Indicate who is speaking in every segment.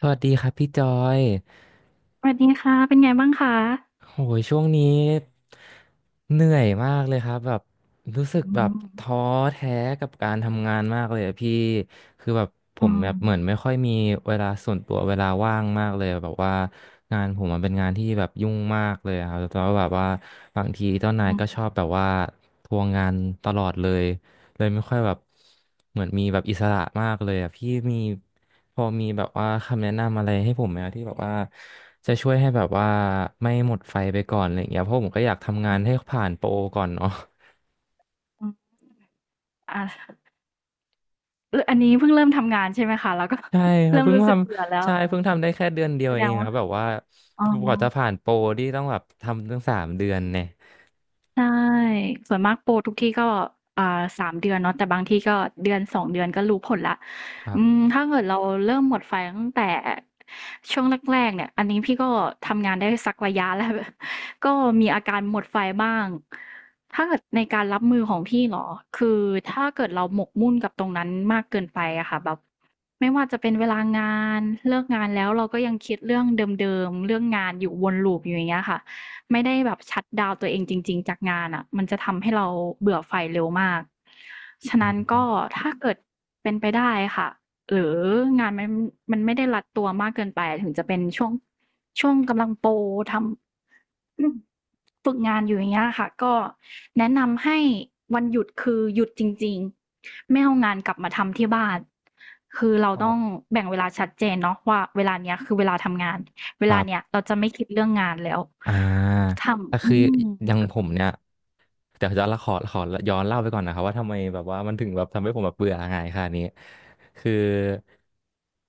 Speaker 1: สวัสดีครับพี่จอย
Speaker 2: สวัสดีค่ะ เป็นไงบ้างคะ
Speaker 1: โหยช่วงนี้เหนื่อยมากเลยครับแบบรู้สึ
Speaker 2: อื
Speaker 1: กแบบ
Speaker 2: ม
Speaker 1: ท้อแท้กับการทำงานมากเลยอะพี่คือแบบผ
Speaker 2: อื
Speaker 1: มแบ
Speaker 2: ม
Speaker 1: บเหมือนไม่ค่อยมีเวลาส่วนตัวเวลาว่างมากเลยแบบว่างานผมมันเป็นงานที่แบบยุ่งมากเลยอะครับแล้วแบบว่าบางทีเจ้านาย
Speaker 2: อืม
Speaker 1: ก็ชอบแบบว่าทวงงานตลอดเลย เลยไม่ค่อยแบบเหมือนมีแบบอิสระมากเลยอ่ะพี่มีพอมีแบบว่าคำแนะนำอะไรให้ผมไหมอะที่แบบว่าจะช่วยให้แบบว่าไม่หมดไฟไปก่อนอะไรอย่างเงี้ยเพราะผมก็อยากทำงา
Speaker 2: อื
Speaker 1: น
Speaker 2: ม
Speaker 1: ให้ผ่านโปรก่อนเนาะ
Speaker 2: อืมอาลอันนี้เพิ่งเริ่มทำงานใช่ไหมคะแล้วก็
Speaker 1: ใช่ค รับ
Speaker 2: เริ่ม
Speaker 1: เพิ่ง
Speaker 2: รู้
Speaker 1: ท
Speaker 2: สึกเบื่อแล้
Speaker 1: ำ
Speaker 2: ว
Speaker 1: ใช่เพิ่งทำได้แค่เดือนเดียว
Speaker 2: แสด
Speaker 1: เอ
Speaker 2: ง
Speaker 1: งค
Speaker 2: ว่า
Speaker 1: รับแบบว่า
Speaker 2: อ๋อ
Speaker 1: กว่าจะผ่านโปรที่ต้องแบบทำตั้งสามเดือนเนี่ย
Speaker 2: ใช่ส่วนมากโปรทุกที่ก็3เดือนเนาะแต่บางที่ก็เดือ2เดือนก็รู้ผลแล้ว
Speaker 1: ครั
Speaker 2: อืม
Speaker 1: บ
Speaker 2: ถ้าเกิดเราเริ่มหมดไฟตั้งแต่ช่วงแรกๆเนี่ยอันนี้พี่ก็ทำงานได้สักระยะแล้ว ก็มีอาการหมดไฟบ้างถ้าเกิดในการรับมือของพี่เหรอคือถ้าเกิดเราหมกมุ่นกับตรงนั้นมากเกินไปอะค่ะแบบไม่ว่าจะเป็นเวลางานเลิกงานแล้วเราก็ยังคิดเรื่องเดิมๆเรื่องงานอยู่วนลูปอยู่อย่างเงี้ยค่ะ ไม่ได้แบบชัตดาวน์ตัวเองจริงๆจากงานอะมันจะทำให้เราเบื่อไฟเร็วมากฉะ
Speaker 1: อื
Speaker 2: นั้นก็
Speaker 1: ม
Speaker 2: ถ้าเกิดเป็นไปได้ค่ะหรืองานมันมันไม่ได้รัดตัวมากเกินไปถึงจะเป็นช่วงกำลังโปรทำ อืมฝึกงานอยู่อย่างเงี้ยค่ะก็แนะนำให้วันหยุดคือหยุดจริงๆไม่เอางานกลับมาทำที่บ้านคือเรา
Speaker 1: ครั
Speaker 2: ต้อง
Speaker 1: บ
Speaker 2: แบ่งเวลาชัดเจนเนาะว่าเวลาเนี้ยคือเวลาทำงานเว
Speaker 1: ครั
Speaker 2: ลาเนี้ย
Speaker 1: บ
Speaker 2: เราจะไม่คิดเรื่องงานแล้ว
Speaker 1: อ่า
Speaker 2: ท
Speaker 1: แต่
Speaker 2: ำอื
Speaker 1: คือ
Speaker 2: ม
Speaker 1: อย่างผมเนี่ย แต่จะละขอย้อนเล่าไปก่อนนะครับว่าทำไมแบบว่ามันถึงแบบทำให้ผมแบบเบื่องายขนค่ะนี้คือ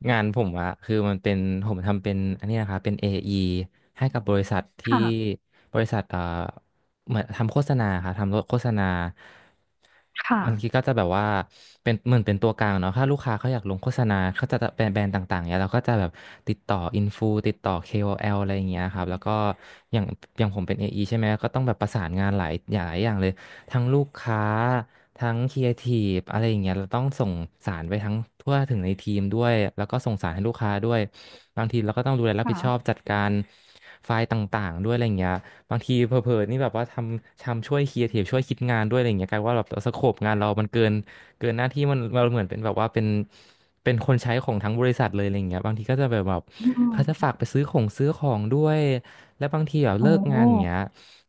Speaker 1: งานผมอะคือมันเป็นผมทำเป็นอันนี้นะครับเป็น AE ให้กับบริษัทที่
Speaker 2: ค่ะ
Speaker 1: บริษัทเหมือนทำโฆษณาค่ะทำโฆษณา
Speaker 2: ค่ะ
Speaker 1: บางทีก็จะแบบว่าเป็นเหมือนเป็นตัวกลางเนาะถ้าลูกค้าเขาอยากลงโฆษณาเขาจะแบรนด์ต่างๆเนี่ยเราก็จะแบบติดต่ออินฟูติดต่อ KOL อแอลอะไรอย่างเงี้ยครับแล้วก็อย่างอย่างผมเป็น AE ใช่ไหมก็ต้องแบบประสานงานหลายอย่างเลยทั้งลูกค้าทั้งครีเอทีฟอะไรอย่างเงี้ยเราต้องส่งสารไปทั้งทั่วถึงในทีมด้วยแล้วก็ส่งสารให้ลูกค้าด้วยบางทีเราก็ต้องดูแลรับผิ
Speaker 2: ค่ะ
Speaker 1: ดชอบจัดการไฟล์ต่างๆด้วยอะไรอย่างเงี้ย บางทีเผลอๆนี่แบบว่าทำช่วยครีเอทีฟช่วยคิดงานด้วยอะไรอย่างเงี้ยกลายว่าแบบสโคปงานเรามันเกินหน้าที่มันเราเหมือนเป็นแบบว่าเป็นคนใช้ของทั้งบริษัทเลยอะไรอย่างเงี้ยบางทีก็จะแบบ
Speaker 2: อื
Speaker 1: เขาจะฝา
Speaker 2: ม
Speaker 1: กไปซื้อของด้วยและบางทีแบบ
Speaker 2: โอ้
Speaker 1: เลิก
Speaker 2: โฮ
Speaker 1: งานอย่างเงี้ย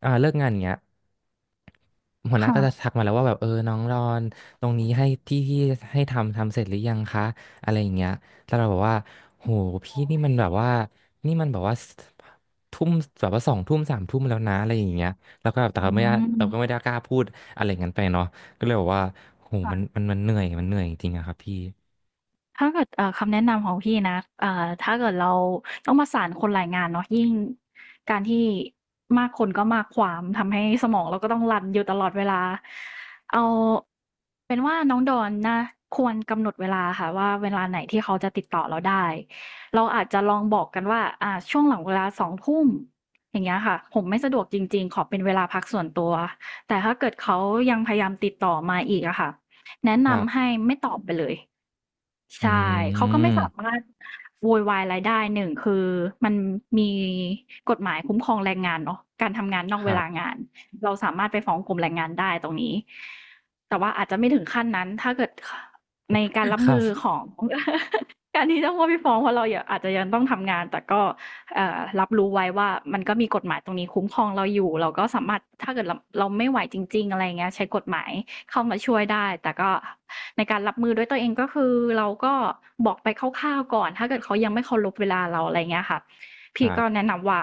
Speaker 1: เลิกงานอย่างเงี้ย หัวหน้า
Speaker 2: ค่ะ
Speaker 1: ก็จะทักมาแล้วว่าแบบเออน้องรอนตรงนี้ให้ที่ให้ทำเสร็จหรือยังคะอะไรอย่างเงี้ยแล้วเราบอกว่าโหพี่นี่มันแบบว่านี่มันแบบว่าทุ่มแบบว่าสองทุ่มสามทุ่มแล้วนะอะไรอย่างเงี้ยแล้วก็แบบแต่
Speaker 2: อื
Speaker 1: เราไม่ได้
Speaker 2: ม
Speaker 1: เราก็ไม่ได้กล้าพูดอะไรอย่างนั้นไปเนาะก็เลยบอกว่าโหมันมั
Speaker 2: ค่ะ
Speaker 1: นมันเหนื่อยมันเหนื่อยจริงๆอะครับพี่
Speaker 2: ถ้าเกิดคำแนะนำของพี่นะถ้าเกิดเราต้องประสานคนหลายงานเนาะยิ่งการที่มากคนก็มากความทำให้สมองเราก็ต้องรันอยู่ตลอดเวลาเอาเป็นว่าน้องดอนนะควรกำหนดเวลาค่ะว่าเวลาไหนที่เขาจะติดต่อเราได้เราอาจจะลองบอกกันว่าช่วงหลังเวลาสองทุ่มอย่างเงี้ยค่ะผมไม่สะดวกจริงๆขอเป็นเวลาพักส่วนตัวแต่ถ้าเกิดเขายังพยายามติดต่อมาอีกอะค่ะแนะ
Speaker 1: ครั
Speaker 2: นำ
Speaker 1: บ
Speaker 2: ให้ไม่ตอบไปเลย
Speaker 1: อื
Speaker 2: ใช่เขาก็ไม่สา
Speaker 1: ม
Speaker 2: มารถโวยวายอะไรได้หนึ่งคือมันมีกฎหมายคุ้มครองแรงงานเนาะการทำงานนอ
Speaker 1: ค
Speaker 2: กเว
Speaker 1: รั
Speaker 2: ลา
Speaker 1: บ
Speaker 2: งานเราสามารถไปฟ้องกรมแรงงานได้ตรงนี้แต่ว่าอาจจะไม่ถึงขั้นนั้นถ้าเกิดในการรั บ
Speaker 1: ครั
Speaker 2: มือข
Speaker 1: บ
Speaker 2: อง การที่ต้องว่าไปฟ้องเพราะเรายังอาจจะยังต้องทำงานแต่ก็เอ่อรับรู้ไว้ว่ามันก็มีกฎหมายตรงนี้คุ้มครองเราอยู่เราก็สามารถถ้าเกิดเราไม่ไหวจริงๆอะไรอย่างเงี้ยใช้กฎหมาย เข้ามาช่วยได้ แต่ก็ในการรับมือด้วยตัวเองก็คือเราก็บอกไปคร่าวๆก่อน ถ้าเกิดเขายังไม่เคารพเวลาเราอะไรเงี้ยค่ะ
Speaker 1: ค
Speaker 2: พี่
Speaker 1: รั
Speaker 2: ก็
Speaker 1: บ
Speaker 2: แนะนำว่า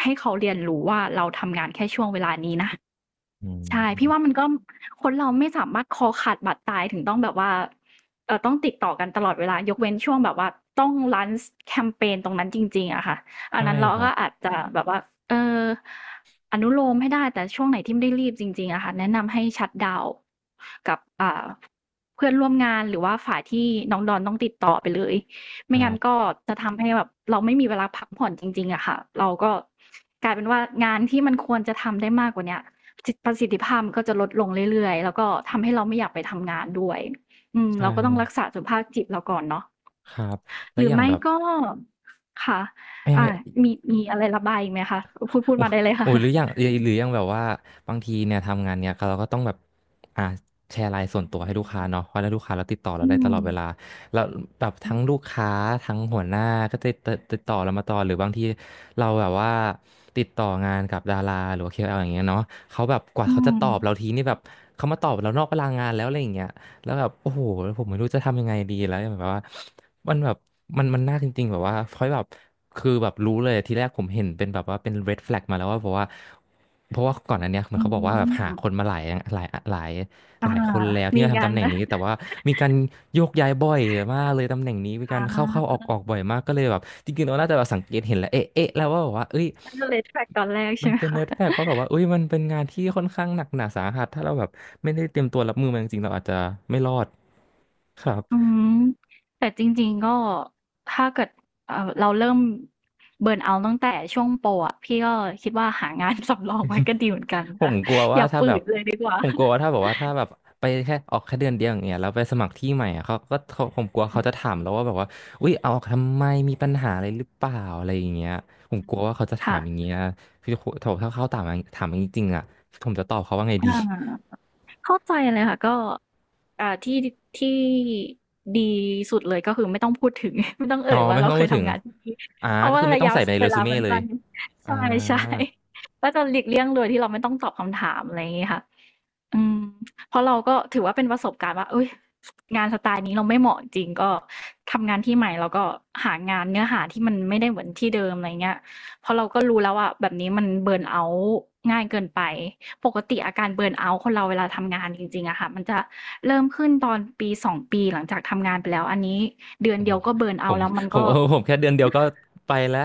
Speaker 2: ให้เขาเรียนรู้ว่าเราทำงานแค่ช่วงเวลานี้นะ
Speaker 1: อื
Speaker 2: ใช่พี่ว่า
Speaker 1: ม
Speaker 2: มันก็คนเราไม่สามารถคอขาดบาดตายถึงต้องแบบว่าต้องติดต่อกันตลอดเวลายกเว้นช่วงแบบว่าต้อง launch แคมเปญตรงนั้นจริงๆอะค่ะอัน
Speaker 1: ใช่
Speaker 2: นั้นเรา
Speaker 1: ครับ
Speaker 2: ก็อาจจะแบบว่าเอออนุโลมให้ได้แต่ช่วงไหนที่ไม่ได้รีบจริงๆอะค่ะแนะนำให้ชัตดาวน์กับเพื่อนร่วมงานหรือว่าฝ่ายที่น้องดอนต้องติดต่อไปเลย
Speaker 1: ค
Speaker 2: ไม่
Speaker 1: รั
Speaker 2: งั้นก็
Speaker 1: บ
Speaker 2: จะทำให้แบบเราไม่มีเวลาพักผ่อนจริงๆอะค่ะเราก็กลายเป็นว่างานที่มันควรจะทำได้มากกว่าเนี้ย ประสิทธิภาพมันก็จะลดลงเรื่อยๆแล้วก็ทำให้เราไม่อยากไปทำงานด้วยอืม
Speaker 1: ใช่
Speaker 2: เราก็ต้องรักษาสุขภาพจิตเราก่อนเนาะ
Speaker 1: ครับแล้
Speaker 2: ห
Speaker 1: ว
Speaker 2: รื
Speaker 1: อ
Speaker 2: อ
Speaker 1: ย่าง
Speaker 2: ไม่
Speaker 1: แบบ
Speaker 2: ก็ค่ะอ่ามีอะไรระบายอีกไหมคะ พูด
Speaker 1: โอ้
Speaker 2: มาได้เลย
Speaker 1: โอ้
Speaker 2: ค่ะ
Speaker 1: ย หรืออย่างหรืออย่างแบบว่าบางทีเนี่ยทำงานเนี่ยเราก็ต้องแบบอ่าแชร์ไลน์ส่วนตัวให้ลูกค้าเนาะเพราะถ้าลูกค้าเราติดต่อเรา
Speaker 2: อื
Speaker 1: ได้ต
Speaker 2: ม
Speaker 1: ลอดเวลาแล้วแบบ
Speaker 2: อื
Speaker 1: ทั้งลู
Speaker 2: ม
Speaker 1: กค้าทั้งหัวหน้าก็จะติดต่อเรามาตลอดหรือบางทีเราแบบว่าติดต่องานกับดาราหรือว่า l อแอลอย่างเงี้ยเนาะเขาแบบกว่า
Speaker 2: อื
Speaker 1: เขาจะ
Speaker 2: ม
Speaker 1: ตอบเราทีนี่แบบเขามาตอบเรานอกเวลางานแล้วอะไรอย่างเงี้ย แล้วแบบโอ้โหแล้วผมไม่รู้จะทำยังไงดีแล้วแบบว่ามันแบบมันน่าจริงๆแบบว่าเพราะแบบคือแบบรู้เลยทีแรกผมเห็นเป็นแบบว่าเป็น red flag มาแล้วว่าเพราะว่าเพราะว่าก่อนอันเนี้ยเหมือน
Speaker 2: อืม
Speaker 1: เขาบอกว่าแบบหาคนมาหลายหลายห
Speaker 2: อา
Speaker 1: ลายคนแล้วที่
Speaker 2: มี
Speaker 1: มาทำ
Speaker 2: กา
Speaker 1: ตำ
Speaker 2: ร
Speaker 1: แหน่ ง
Speaker 2: นะ
Speaker 1: นี้แต่ว่ามีการโยกย้ายบ่อยมากเลยตำแหน่งนี้มีการเข้าออ
Speaker 2: ะ
Speaker 1: กออกบ่อยมากก็เลยแบบจริงๆเราน่าจะแบบสังเกตเห็นแล้วเอ๊ะแล้วว่าแบบว่าเอ้ย
Speaker 2: ก็เลย t r a c ตอนแรก
Speaker 1: มั
Speaker 2: ใช่
Speaker 1: น
Speaker 2: ไหม
Speaker 1: เป็น
Speaker 2: คะ
Speaker 1: เนิร์ดแฟกเพราะแบบว่าเอ้ยมันเป็นงานที่ค่อนข้างหนักหนาสาหัสถ้าเราแบบไม่ได้เตรียมตัวรับมือมันจริงๆเราอาจจะไม่รอดครับ
Speaker 2: อืมแต่จริงๆก็ถ้าเกิดเราเริ่มเบิร์นเอาท์ตั้งแต่ช่วงโปรอะพี่ก็คิดว่าหางาน สำรองไว้ก็ดีเหมือนกัน
Speaker 1: ผ
Speaker 2: ค่ะ
Speaker 1: มกลัว
Speaker 2: อ
Speaker 1: ว่า
Speaker 2: ย่า
Speaker 1: ถ้า
Speaker 2: ฝื
Speaker 1: แบบ
Speaker 2: นเลยดีกว่า
Speaker 1: ผมกลัวว่าถ้าแบบว่าถ้าแบบไปแค่ออกแค่เดือนเดียวอย่างเงี้ยแล้วไปสมัครที่ใหม่อะเขาก็เขาผมกลัวเขาจะถามแล้วว่าแบบว่าอุ้ยเอาออกทำไมมีปัญหาอะไรหรือเปล่าอะไรอย่างเงี้ยผมกลัวว่าเขาจะ ถา
Speaker 2: ค่ะ
Speaker 1: มอย่างเงี้ยคือถ้าเขาถามอย่างถามอย่างนี้จริงๆอะผมจะตอบเขาว่าไงดี
Speaker 2: อาเข้าใจเลยค่ะก็อ่าที่ที่ดีสุดเลยก็คือไม่ต้องพูดถึง ไม่ต้องเอ่
Speaker 1: อ๋อ
Speaker 2: ยว่า
Speaker 1: ไม่
Speaker 2: เรา
Speaker 1: ต้อง
Speaker 2: เค
Speaker 1: พู
Speaker 2: ย
Speaker 1: ดถึง
Speaker 2: ทำงานที่นี่
Speaker 1: อ่า
Speaker 2: เพราะ
Speaker 1: ก็
Speaker 2: ว่า
Speaker 1: คือไม่
Speaker 2: ระ
Speaker 1: ต้อง
Speaker 2: ยะ
Speaker 1: ใส่ไปใน
Speaker 2: เว
Speaker 1: เรซู
Speaker 2: ลา
Speaker 1: เม่
Speaker 2: มัน
Speaker 1: เลย
Speaker 2: สั้นใ
Speaker 1: อ่า
Speaker 2: ช่ๆ ก็จะหลีกเลี่ยงโดยที่เราไม่ต้องตอบคำถามอะไรอย่างงี้ค่ะ อืมเพราะเราก็ถือว่าเป็นประสบการณ์ว่าเอ้ยงานสไตล์นี้เราไม่เหมาะจริงก็ทำงานที่ใหม่แล้วก็หางานเนื้อหาที่มันไม่ได้เหมือนที่เดิมอะไรเงี้ยเพราะเราก็รู้แล้วว่าแบบนี้มันเบิร์นเอาต์ง่ายเกินไปปกติอาการเบิร์นเอาต์คนเราเวลาทำงานจริงๆอะค่ะมันจะเริ่มขึ้นตอนปีสองปีหลังจากทำงานไปแล้วอันนี้เดือน
Speaker 1: โอ้
Speaker 2: เดี
Speaker 1: โห
Speaker 2: ยวก็เบิร์น
Speaker 1: ผ
Speaker 2: เอา
Speaker 1: ม
Speaker 2: ต์แล้วมัน
Speaker 1: ผม
Speaker 2: ก็
Speaker 1: เออผมแค่เดือนเดียวก็ไปแล้ว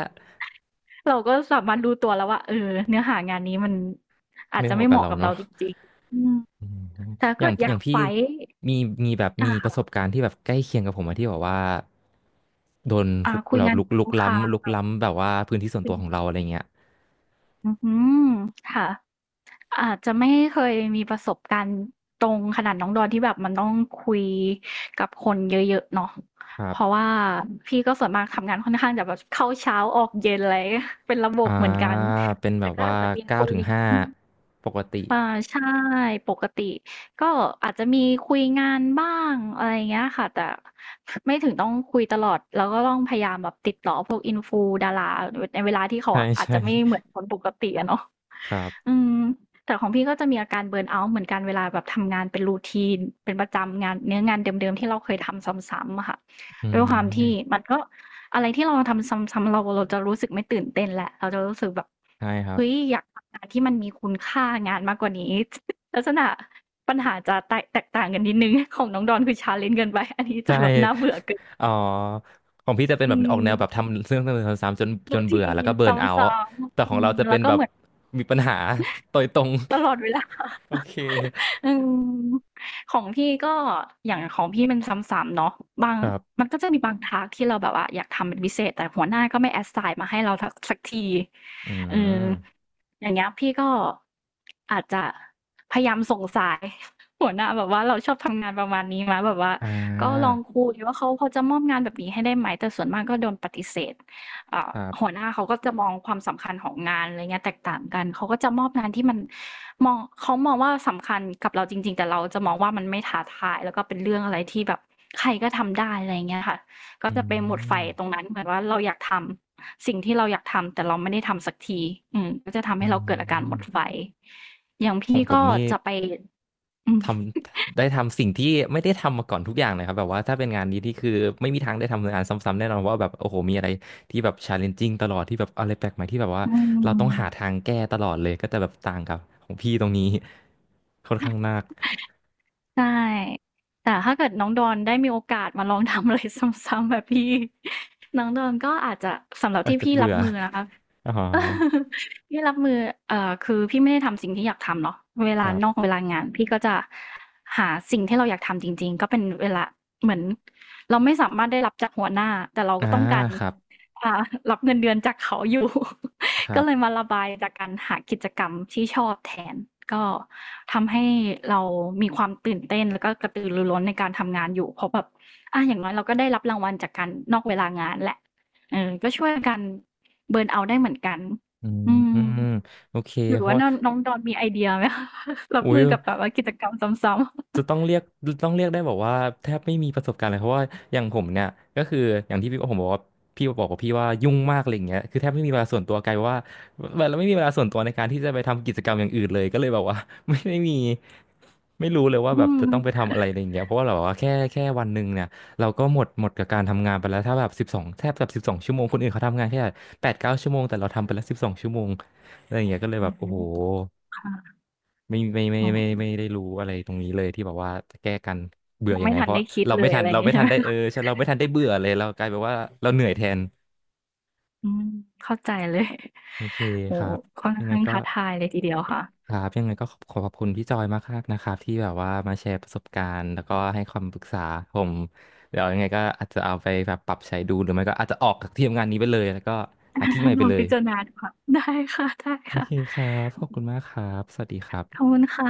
Speaker 2: เราก็สามารถรู้ตัวแล้วว่าเออเนื้อหางานนี้มันอาจ
Speaker 1: ไม่
Speaker 2: จะ
Speaker 1: พอ
Speaker 2: ไม่
Speaker 1: กั
Speaker 2: เห
Speaker 1: บ
Speaker 2: มาะ
Speaker 1: เรา
Speaker 2: กับเรา
Speaker 1: เนาะ
Speaker 2: จริงๆอืม
Speaker 1: อืม
Speaker 2: แต่ถ้า
Speaker 1: อย่า
Speaker 2: เกิ
Speaker 1: ง
Speaker 2: ดอ
Speaker 1: อ
Speaker 2: ยา
Speaker 1: ย่า
Speaker 2: ก
Speaker 1: งพี่
Speaker 2: ไฟต์
Speaker 1: มีมีแบบมี
Speaker 2: อ่า
Speaker 1: ประสบ
Speaker 2: ค่ะ
Speaker 1: การณ์ที่แบบใกล้เคียงกับผมอะที่แบบว่าโดนคุก
Speaker 2: คุย
Speaker 1: แบบ
Speaker 2: งาน
Speaker 1: ลุก
Speaker 2: กับ
Speaker 1: ลุก
Speaker 2: ลูกค้า
Speaker 1: ล้ำลุก
Speaker 2: มาก
Speaker 1: ล้ำแบบว่าพื้นที่ส่วน
Speaker 2: ขึ้
Speaker 1: ตั
Speaker 2: น
Speaker 1: วของเราอะไรเงี้ย
Speaker 2: อือฮืค่ะอาจจะไม่เคยมีประสบการณ์ตรงขนาดน้องดอนที่แบบมันต้องคุยกับคนเยอะๆเนาะ
Speaker 1: ครั
Speaker 2: เพราะ
Speaker 1: บ
Speaker 2: ว่าพี่ก็ส่วนมากทำงานค่อนข้างจะแบบเข้าเช้าออกเย็นอะไร เป็นระบบ
Speaker 1: อ่า
Speaker 2: เหมือนกัน
Speaker 1: เป็นแบ
Speaker 2: แต่
Speaker 1: บ
Speaker 2: ก็
Speaker 1: ว่า
Speaker 2: อาจจะมี
Speaker 1: เก้า
Speaker 2: คุย
Speaker 1: ถึงห้าปกติ
Speaker 2: อ่าใช่ปกติก็อาจจะมีคุยงานบ้างอะไรอย่างเงี้ยค่ะแต่ ไม่ถึงต้องคุยตลอดแล้วก็ต้องพยายามแบบติดต่อพวกอินฟูดาราในเวลาที่เขา
Speaker 1: ใช่
Speaker 2: อาจ
Speaker 1: ใช่
Speaker 2: จะไม่เหมือนคนปกติอะเนาะ
Speaker 1: ครั
Speaker 2: อื
Speaker 1: บ
Speaker 2: มแต่ของพี่ก็จะมีอาการเบิร์นเอาท์เหมือนกันเวลาแบบทำงานเป็นรูทีนเป็นประจำงานเนื้องานเดิมๆที่เราเคยทำซ้ำๆอะค่ะ
Speaker 1: อื
Speaker 2: ด้วยความที่
Speaker 1: ม
Speaker 2: มันก็ อะไรที่เราทำซ้ำๆเราจะรู้สึกไม่ตื่นเต้นแหละเราจะรู้สึกแบบ
Speaker 1: ใช่ครับ
Speaker 2: เฮ้ยอยากทำงานที่มันมีคุณค่างานมากกว่านี้ ลักษณะปัญหาจะแตกต่างกันนิดนึง ของน้องดอนคือชาเล l e n เกินไป อันนี้จะ
Speaker 1: ใช่
Speaker 2: แบบน่าเบื่อเกิน
Speaker 1: อ๋อของพี่จะเป็น
Speaker 2: อื
Speaker 1: แบบอ
Speaker 2: ม
Speaker 1: อกแนวแบบทำเรื่องซ้ำๆจนจ
Speaker 2: รู
Speaker 1: น
Speaker 2: ที
Speaker 1: เบื่อ
Speaker 2: o
Speaker 1: แล้วก็เบิร์น
Speaker 2: u t
Speaker 1: เอา
Speaker 2: i
Speaker 1: ท์
Speaker 2: ซ้
Speaker 1: แต่ของ
Speaker 2: ำ
Speaker 1: เราจะ
Speaker 2: ๆ
Speaker 1: เป็
Speaker 2: แล้
Speaker 1: น
Speaker 2: วก็
Speaker 1: แบบ
Speaker 2: เหมือน
Speaker 1: มีปัญหาโดยตรง
Speaker 2: ตลอดเวลา
Speaker 1: โอเค
Speaker 2: อืมของพี่ก็อย่างของพี่มันซ้ำๆเนาะบาง
Speaker 1: ครับ
Speaker 2: มันก็จะมีบางทาสก์ที่เราแบบว่าอยากทำเป็นพิเศษแต่หัวหน้าก็ไม่แอ s s สายมาให้เราทักสักที
Speaker 1: อื
Speaker 2: เออ
Speaker 1: ม
Speaker 2: อย่างเงี้ยพี่ก็อาจจะพยายามส่งสาย หัวหน้าแบบว่าเราชอบทำงานประมาณนี้มาแบบว่า
Speaker 1: อ่
Speaker 2: ก็ลอ
Speaker 1: า
Speaker 2: งคุยว่าเขาพอจะมอบงานแบบนี้ให้ได้ไหมแต่ส่วนมากก็โดนปฏิเสธ เอ่า
Speaker 1: ครั
Speaker 2: หัว
Speaker 1: บ
Speaker 2: หน้าเขาก็จะมองความสำคัญของงานอะไรเงี้ยแตกต่างกันเขาก็จะมอบงานที่มันมองเขามองว่าสำคัญกับเราจริงๆ แต่เราจะมองว่ามันไม่ท้าทายแล้วก็เป็นเรื่องอะไรที่แบบใครก็ทำได้อะไรเงี้ยค่ะก็
Speaker 1: อื
Speaker 2: จะไปหมดไฟ
Speaker 1: ม
Speaker 2: ตรงนั้นเหมือนว่าเราอยากทำสิ่งที่เราอยากทำแต่เราไม่ได้ทำสักทีอืมก็จะทำ
Speaker 1: อื
Speaker 2: ให้เราเกิดอาการหมดไฟ
Speaker 1: ม
Speaker 2: อย่าง
Speaker 1: ขอ
Speaker 2: พี่
Speaker 1: งผม
Speaker 2: ก็
Speaker 1: นี่
Speaker 2: จะไปอื
Speaker 1: ท
Speaker 2: ม
Speaker 1: ำได้ทำสิ่งที่ไม่ได้ทำมาก่อนทุกอย่างเลยครับแบบว่าถ้าเป็นงานนี้ที่คือไม่มีทางได้ทำงานซ้ำๆแน่นอนว่าแบบโอ้โหมีอะไรที่แบบ challenging ตลอดที่แบบอะไรแปลกใหม่ที่แบบว่า
Speaker 2: อื
Speaker 1: เราต้องหา
Speaker 2: ม
Speaker 1: ทางแก้ตลอดเลยก็จะแบบต่างกับของพี่ตรงนี้ค่อนข้างมาก
Speaker 2: ใช่ แต่ถ้าเกิดน้องดอนได้มีโอกาสมาลองทำอะไร ซ้ำๆแบบพี่ น้องดอนก็อาจจะสำหรับ
Speaker 1: อาจ
Speaker 2: ที่
Speaker 1: จะ
Speaker 2: พี่รั
Speaker 1: เบื่
Speaker 2: บ
Speaker 1: อ
Speaker 2: มือนะคะ
Speaker 1: อ๋อ
Speaker 2: พี่รับมือคือพี่ไม่ได้ทำสิ่งที่อยากทำเนาะเว
Speaker 1: ค
Speaker 2: ลา
Speaker 1: รับ
Speaker 2: นอกเวลางานพี่ก็จะหาสิ่งที่เราอยากทำจริงๆก็เป็นเวลาเหมือนเราไม่สามารถได้รับจากหัวหน้าแต่เรา
Speaker 1: อ่า
Speaker 2: ก็ต้องการ
Speaker 1: ครับ
Speaker 2: อ่ารับเงินเดือนจากเขาอยู่
Speaker 1: ค รั
Speaker 2: ก็เลย
Speaker 1: บ
Speaker 2: มาระบายจากการหากิจกรรมที่ชอบแทนก็ทำให้เรามีความตื่นเต้นแล้วก็กระตือรือร้นในการทำงานอยู่เพราะแบบอ่ะอย่างน้อยเราก็ได้รับรางวัลจากการนอกเวลางานแหละเออก็ช่วยกัน เบิร์นเอาท์ได้เหมือนกัน
Speaker 1: อืม
Speaker 2: อื
Speaker 1: อื
Speaker 2: ม
Speaker 1: มโอเค
Speaker 2: หรือ
Speaker 1: เพ
Speaker 2: ว่า
Speaker 1: ราะ
Speaker 2: น้องน้องดอนมีไอเดียไหมคะ รับ
Speaker 1: อุ้
Speaker 2: มื
Speaker 1: ย
Speaker 2: อกับแบบว่ากิจกรรมซ้ำ
Speaker 1: จะต้องเรียกได้บอกว่าแทบไม่มีประสบการณ์เลยเพราะว่าอย่างผมเนี่ยก็คืออย่างที่พี่ผมบอกว่าพี่บอกว่ายุ่งมากอะไรอย่างเงี้ยคือแทบไม่มีเวลาส่วนตัวกลายเป็นว่าเราไม่มีเวลาส่วนตัวในการที่จะไปทำกิจกรรมอย่างอื่นเลยก็เลยแบบว่า ไม่ได้มีไม่รู้เลย
Speaker 2: ๆ
Speaker 1: ว่า
Speaker 2: อื
Speaker 1: แบบจะ
Speaker 2: ม
Speaker 1: ต้องไปทำอะไรอะไรอย่างเงี้ยเพราะว่าเราว่าแค่วันหนึ่งเนี่ยเราก็หมดกับการทำงานไปแล้วถ้าแบบสิบสองแทบแบบสิบสองชั่วโมงคนอื่นเขาทำงานแค่8-9 ชั่วโมงแต่เราทำไปแล้วสิบสองชั่วโมงอะไรอย่างเงี้ยก็เลย
Speaker 2: โอ
Speaker 1: แบบ
Speaker 2: โห
Speaker 1: โอ้โห
Speaker 2: ค่ะ
Speaker 1: ไม่ไม่ไม่
Speaker 2: อ๋
Speaker 1: ไม่ไม่
Speaker 2: อ
Speaker 1: ไม่ได้รู้อะไรตรงนี้เลยที่บอกว่าจะแก้กันเบื่อ
Speaker 2: ยัง
Speaker 1: ยัง
Speaker 2: ไม่
Speaker 1: ไง
Speaker 2: ทั
Speaker 1: เพ
Speaker 2: น
Speaker 1: ราะ
Speaker 2: ได้คิด
Speaker 1: เรา
Speaker 2: เล
Speaker 1: ไม่
Speaker 2: ย
Speaker 1: ทั
Speaker 2: อะ
Speaker 1: น
Speaker 2: ไรอย่า
Speaker 1: เรา
Speaker 2: งนี้
Speaker 1: ไม่
Speaker 2: ใช่
Speaker 1: ทั
Speaker 2: ไห
Speaker 1: น
Speaker 2: ม
Speaker 1: ได้เออ
Speaker 2: คะ
Speaker 1: ใช่เราไม่ทันได้เบื่อเลยเรากลายเป็นว่าเราเหนื่อยแทน
Speaker 2: อืมเข้าใจเลย
Speaker 1: โอเค
Speaker 2: โอ้
Speaker 1: ครับ
Speaker 2: ค่อน
Speaker 1: ยังไง
Speaker 2: ข้าง
Speaker 1: ก็
Speaker 2: ท้าทายเลยทีเดียวค่ะ
Speaker 1: ยังไงก็ขอบคุณพี่จอยมากครับนะครับที่แบบว่ามาแชร์ประสบการณ์แล้วก็ให้คำปรึกษาผมเดี๋ยวยังไงก็อาจจะเอาไปแบบปรับใช้ดูหรือไม่ก็อาจจะออกจากที่ทำงานนี้ไปเลยแล้วก็หาที่ใหม่
Speaker 2: ล
Speaker 1: ไป
Speaker 2: อง
Speaker 1: เลย
Speaker 2: พิจารณาดูค่ะ ได้ค่ะ ได้
Speaker 1: โอ
Speaker 2: ค่ะ
Speaker 1: เคครับขอบคุณมากครับสวัสดีครั
Speaker 2: ขอบ
Speaker 1: บ
Speaker 2: คุณค่ะ